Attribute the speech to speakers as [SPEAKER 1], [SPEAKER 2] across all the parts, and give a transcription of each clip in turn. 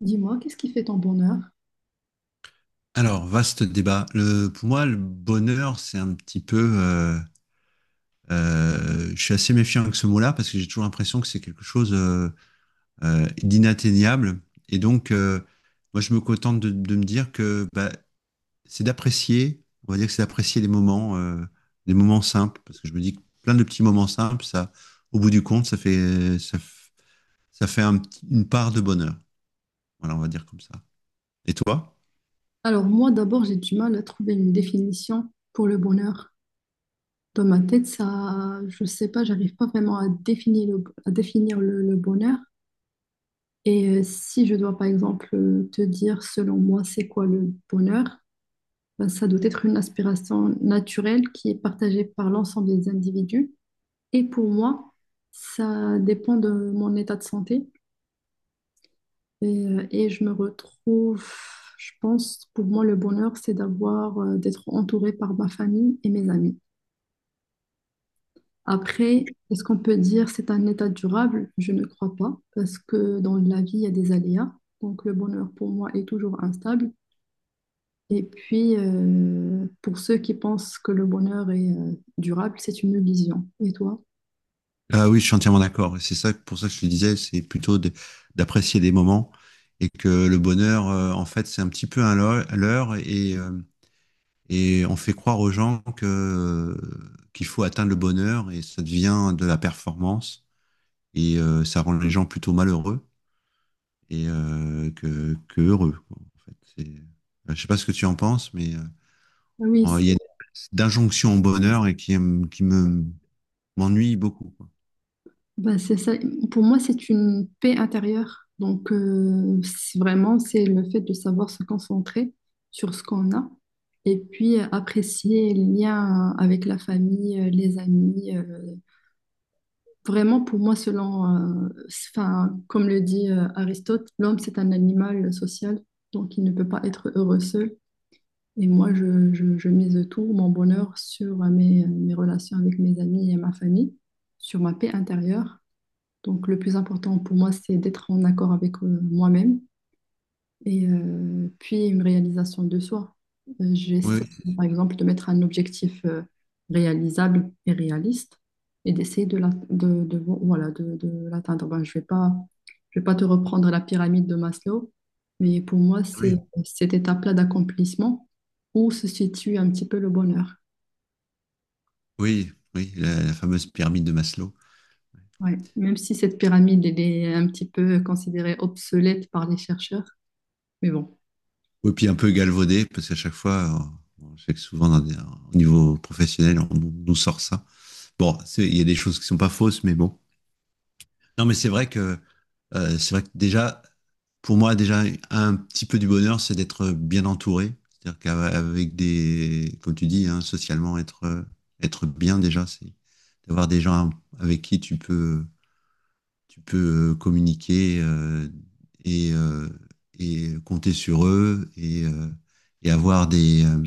[SPEAKER 1] Dis-moi, qu'est-ce qui fait ton bonheur?
[SPEAKER 2] Alors, vaste débat. Pour moi, le bonheur, c'est un petit peu. Je suis assez méfiant avec ce mot-là parce que j'ai toujours l'impression que c'est quelque chose d'inatteignable. Et donc, moi, je me contente de me dire que bah, c'est d'apprécier. On va dire que c'est d'apprécier les moments, les moments simples, parce que je me dis que plein de petits moments simples, ça, au bout du compte, ça fait une part de bonheur. Voilà, on va dire comme ça. Et toi?
[SPEAKER 1] Alors moi, d'abord, j'ai du mal à trouver une définition pour le bonheur. Dans ma tête, ça, je sais pas, j'arrive pas vraiment à définir le bonheur. Et si je dois, par exemple, te dire, selon moi, c'est quoi le bonheur? Ben, ça doit être une aspiration naturelle qui est partagée par l'ensemble des individus. Et pour moi, ça dépend de mon état de santé. Et je me retrouve, je pense, pour moi, le bonheur, c'est d'avoir, d'être entouré par ma famille et mes amis. Après, est-ce qu'on peut dire c'est un état durable? Je ne crois pas, parce que dans la vie, il y a des aléas. Donc, le bonheur, pour moi, est toujours instable. Et puis, pour ceux qui pensent que le bonheur est durable, c'est une illusion. Et toi?
[SPEAKER 2] Ah oui, je suis entièrement d'accord. Et c'est ça, pour ça que je te disais, c'est plutôt d'apprécier les moments et que le bonheur, en fait, c'est un petit peu un leurre et et on fait croire aux gens que qu'il faut atteindre le bonheur et ça devient de la performance et ça rend les gens plutôt malheureux et euh, que heureux, quoi, en fait. Je sais pas ce que tu en penses, mais
[SPEAKER 1] Ah oui.
[SPEAKER 2] il y a une espèce d'injonction au bonheur qui m'ennuie beaucoup, quoi.
[SPEAKER 1] Ben, c'est ça. Pour moi, c'est une paix intérieure. Donc, c'est vraiment, c'est le fait de savoir se concentrer sur ce qu'on a et puis apprécier les liens avec la famille, les amis. Vraiment, pour moi, comme le dit Aristote, l'homme, c'est un animal social, donc il ne peut pas être heureux seul. Et moi, je mise tout mon bonheur sur mes relations avec mes amis et ma famille, sur ma paix intérieure. Donc, le plus important pour moi, c'est d'être en accord avec moi-même et puis une réalisation de soi. J'essaie,
[SPEAKER 2] Oui,
[SPEAKER 1] par exemple, de mettre un objectif réalisable et réaliste et d'essayer de, voilà, de l'atteindre. Je vais pas te reprendre la pyramide de Maslow, mais pour moi, c'est
[SPEAKER 2] oui.
[SPEAKER 1] cette étape-là d'accomplissement où se situe un petit peu le bonheur.
[SPEAKER 2] Oui, oui, la fameuse pyramide de Maslow.
[SPEAKER 1] Ouais. Même si cette pyramide, elle est un petit peu considérée obsolète par les chercheurs, mais bon,
[SPEAKER 2] Et puis un peu galvaudée, parce qu'à chaque fois, on sait que souvent, au niveau professionnel, on nous sort ça. Bon, il y a des choses qui sont pas fausses, mais bon. Non, mais c'est vrai que, c'est vrai que déjà, pour moi, déjà, un petit peu du bonheur, c'est d'être bien entouré. C'est-à-dire qu'avec des, comme tu dis, hein, socialement, être bien déjà, c'est d'avoir des gens avec qui tu peux communiquer et et compter sur eux et avoir des, euh,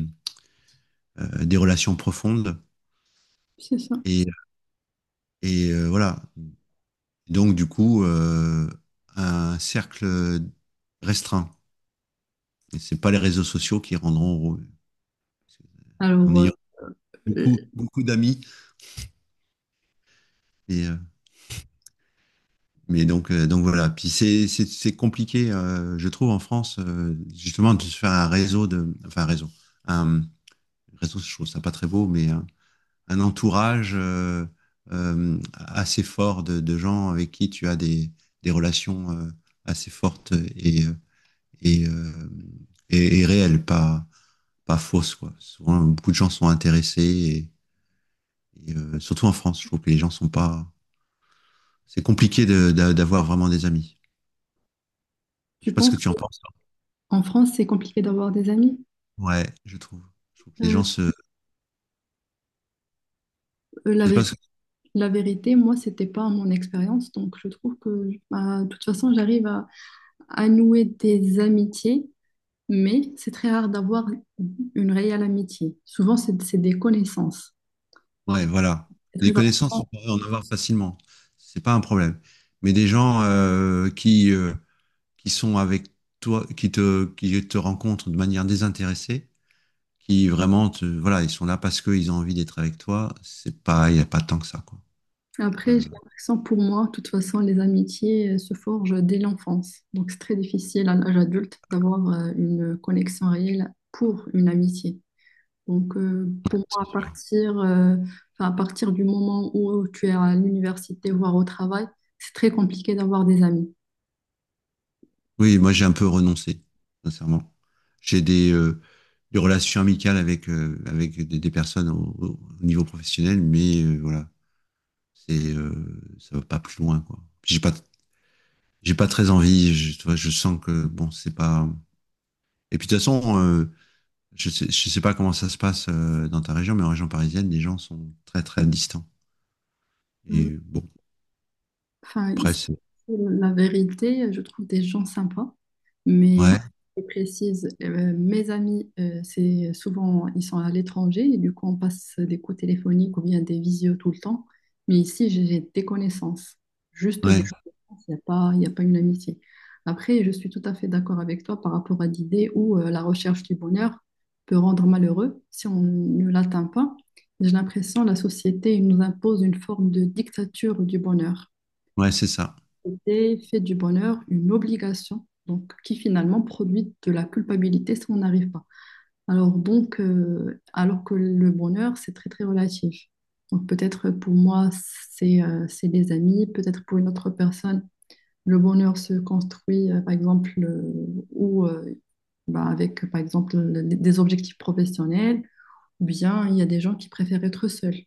[SPEAKER 2] euh, des relations profondes.
[SPEAKER 1] c'est ça.
[SPEAKER 2] Et, voilà. Donc, du coup, un cercle restreint. Et c'est pas les réseaux sociaux qui rendront heureux. En
[SPEAKER 1] Alors,
[SPEAKER 2] ayant
[SPEAKER 1] euh, euh,
[SPEAKER 2] beaucoup, beaucoup d'amis. Et, euh, mais donc, voilà. Puis c'est compliqué, je trouve, en France, justement, de se faire un réseau enfin, un un, réseau, je trouve ça pas très beau, mais un entourage assez fort de gens avec qui tu as des relations assez fortes et, euh, et réelles, pas fausses. Quoi. Souvent, beaucoup de gens sont intéressés, et surtout en France, je trouve que les gens sont pas... C'est compliqué d'avoir vraiment des amis. Je sais
[SPEAKER 1] tu
[SPEAKER 2] pas ce
[SPEAKER 1] penses
[SPEAKER 2] que tu en penses.
[SPEAKER 1] qu'en France, c'est compliqué d'avoir des amis?
[SPEAKER 2] Ouais, je trouve. Je trouve que les
[SPEAKER 1] Euh,
[SPEAKER 2] gens se.
[SPEAKER 1] euh, la,
[SPEAKER 2] Je sais
[SPEAKER 1] vé-
[SPEAKER 2] pas ce
[SPEAKER 1] la vérité, moi, c'était pas mon expérience, donc je trouve que, bah, de toute façon, j'arrive à nouer des amitiés, mais c'est très rare d'avoir une réelle amitié. Souvent, c'est des connaissances.
[SPEAKER 2] Ouais, voilà.
[SPEAKER 1] C'est très
[SPEAKER 2] Des connaissances, on
[SPEAKER 1] important.
[SPEAKER 2] pourrait en avoir facilement. C'est pas un problème. Mais des gens qui sont avec toi, qui te rencontrent de manière désintéressée, qui vraiment te, voilà, ils sont là parce qu'ils ont envie d'être avec toi, c'est pas, il n'y a pas tant que ça, quoi. Euh,
[SPEAKER 1] Après, j'ai l'impression, pour moi, de toute façon, les amitiés se forgent dès l'enfance, donc c'est très difficile à l'âge adulte d'avoir une connexion réelle pour une amitié. Donc, euh,
[SPEAKER 2] ouais,
[SPEAKER 1] pour moi,
[SPEAKER 2] c'est
[SPEAKER 1] à
[SPEAKER 2] sûr.
[SPEAKER 1] partir, euh, enfin, à partir du moment où tu es à l'université, voire au travail, c'est très compliqué d'avoir des amis.
[SPEAKER 2] Oui, moi j'ai un peu renoncé, sincèrement. J'ai des relations amicales avec des personnes au niveau professionnel, mais voilà, ça va pas plus loin, quoi. J'ai pas très envie. Je, tu vois, je sens que bon, c'est pas. Et puis de toute façon, je sais pas comment ça se passe dans ta région, mais en région parisienne, les gens sont très très distants.
[SPEAKER 1] Euh,
[SPEAKER 2] Et bon,
[SPEAKER 1] Enfin,
[SPEAKER 2] après,
[SPEAKER 1] ici,
[SPEAKER 2] c'est...
[SPEAKER 1] la vérité, je trouve des gens sympas, mais
[SPEAKER 2] Ouais,
[SPEAKER 1] je précise, mes amis, c'est souvent, ils sont à l'étranger et du coup, on passe des coups téléphoniques ou bien des visios tout le temps. Mais ici, j'ai des connaissances, juste des
[SPEAKER 2] ouais,
[SPEAKER 1] connaissances, il y a pas une amitié. Après, je suis tout à fait d'accord avec toi par rapport à l'idée où la recherche du bonheur peut rendre malheureux si on ne l'atteint pas. J'ai l'impression que la société nous impose une forme de dictature du bonheur.
[SPEAKER 2] ouais, c'est ça.
[SPEAKER 1] C'était fait du bonheur une obligation, donc qui finalement produit de la culpabilité si on n'arrive pas. Alors que le bonheur, c'est très très relatif. Donc peut-être pour moi, c'est des amis, peut-être pour une autre personne, le bonheur se construit par exemple ou bah, avec par exemple des objectifs professionnels, ou bien il y a des gens qui préfèrent être seuls.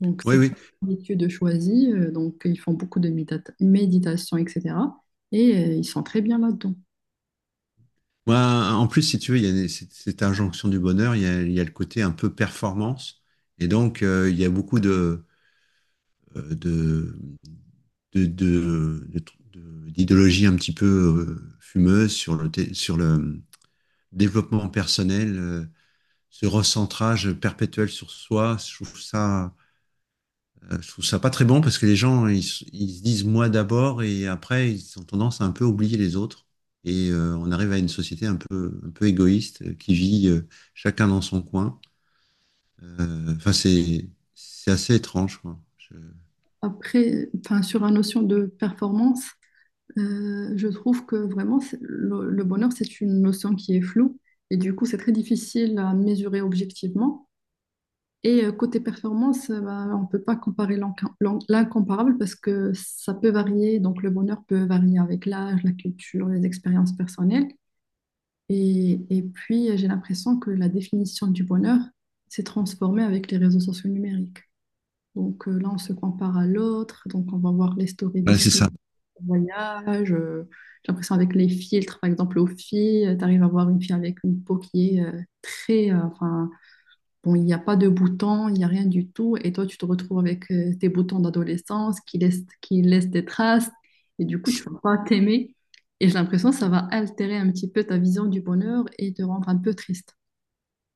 [SPEAKER 1] Donc,
[SPEAKER 2] Oui,
[SPEAKER 1] c'est
[SPEAKER 2] oui.
[SPEAKER 1] une étude choisie. Donc, ils font beaucoup de méditation, etc. Et ils sont très bien là-dedans.
[SPEAKER 2] Moi, en plus, si tu veux, il y a cette, cette injonction du bonheur, il y a le côté un peu performance, et donc il y a beaucoup euh, de d'idéologie un petit peu fumeuse sur le sur le développement personnel. Ce recentrage perpétuel sur soi, je trouve ça, je trouve ça pas très bon parce que les gens, ils se disent moi d'abord et après, ils ont tendance à un peu oublier les autres. Et on arrive à une société un peu égoïste qui vit chacun dans son coin. Enfin, c'est assez étrange, quoi.
[SPEAKER 1] Après, enfin, sur la notion de performance, je trouve que vraiment, le bonheur, c'est une notion qui est floue. Et du coup, c'est très difficile à mesurer objectivement. Et côté performance, bah, on ne peut pas comparer l'incomparable parce que ça peut varier. Donc, le bonheur peut varier avec l'âge, la culture, les expériences personnelles. Et puis, j'ai l'impression que la définition du bonheur s'est transformée avec les réseaux sociaux numériques. Donc là, on se compare à l'autre, donc on va voir les stories de
[SPEAKER 2] Voilà,
[SPEAKER 1] ses
[SPEAKER 2] c'est ça.
[SPEAKER 1] voyages. J'ai l'impression avec les filtres, par exemple, aux filles, tu arrives à voir une fille avec une peau qui est très, il n'y a pas de boutons, il n'y a rien du tout. Et toi, tu te retrouves avec tes boutons d'adolescence qui laissent des traces. Et du coup, tu ne vas pas t'aimer. Et j'ai l'impression que ça va altérer un petit peu ta vision du bonheur et te rendre un peu triste.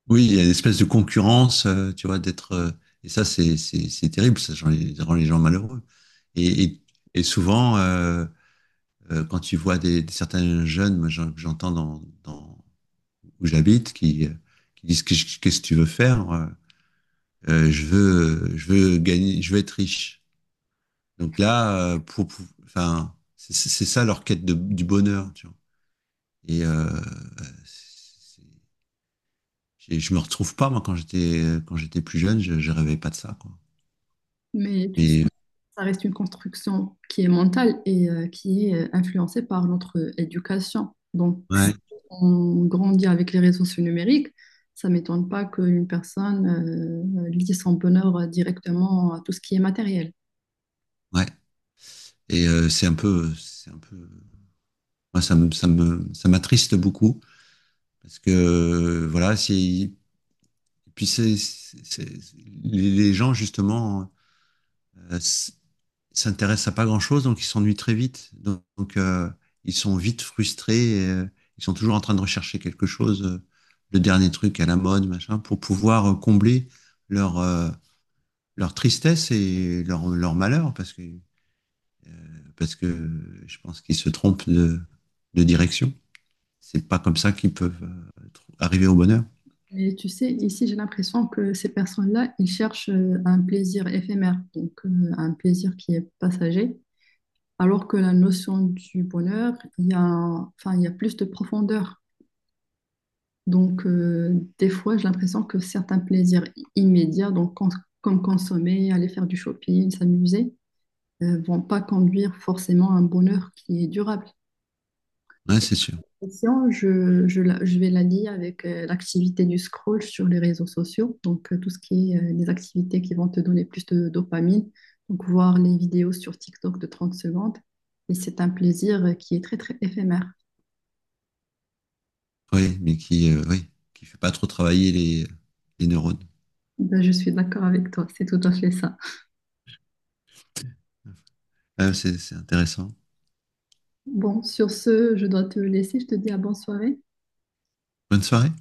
[SPEAKER 2] Oui, il y a une espèce de concurrence, tu vois, d'être. Et ça, c'est terrible, ça rend les gens malheureux. Et, et, et souvent, quand tu vois des certains jeunes, moi j'entends dans, dans, où j'habite, qui disent qu'est-ce que tu veux faire je veux gagner, je veux être riche. Donc là, pour enfin, c'est ça leur quête de, du bonheur. Tu vois. Et euh, et je me retrouve pas moi quand j'étais plus jeune je rêvais pas de ça quoi
[SPEAKER 1] Mais tu sais,
[SPEAKER 2] mais
[SPEAKER 1] ça reste une construction qui est mentale et qui est influencée par notre éducation. Donc, si
[SPEAKER 2] ouais
[SPEAKER 1] on grandit avec les réseaux sociaux numériques, ça ne m'étonne pas qu'une personne lie son bonheur directement à tout ce qui est matériel.
[SPEAKER 2] ouais et c'est un peu moi ça me ça me ça m'attriste beaucoup parce que voilà c'est Puis les gens, justement, euh, s'intéressent à pas grand-chose, donc ils s'ennuient très vite. Donc, ils sont vite frustrés. Ils sont toujours en train de rechercher quelque chose, le dernier truc à la mode, machin, pour pouvoir combler leur leur tristesse et leur malheur, parce que je pense qu'ils se de direction. C'est pas comme ça qu'ils peuvent arriver au bonheur.
[SPEAKER 1] Mais tu sais, ici, j'ai l'impression que ces personnes-là, ils cherchent un plaisir éphémère, donc un plaisir qui est passager, alors que la notion du bonheur, il y a plus de profondeur. Donc, des fois, j'ai l'impression que certains plaisirs immédiats, comme consommer, aller faire du shopping, s'amuser, ne vont pas conduire forcément à un bonheur qui est durable.
[SPEAKER 2] Ouais, c'est sûr.
[SPEAKER 1] Question, je vais la lier avec l'activité du scroll sur les réseaux sociaux. Donc, tout ce qui est des activités qui vont te donner plus de dopamine. Donc, voir les vidéos sur TikTok de 30 secondes. Et c'est un plaisir qui est très, très éphémère.
[SPEAKER 2] Oui, mais qui, oui, qui fait pas trop travailler les neurones.
[SPEAKER 1] Ben, je suis d'accord avec toi. C'est tout à fait ça.
[SPEAKER 2] Ah, c'est intéressant.
[SPEAKER 1] Bon, sur ce, je dois te laisser. Je te dis à bonne soirée.
[SPEAKER 2] Bonne soirée.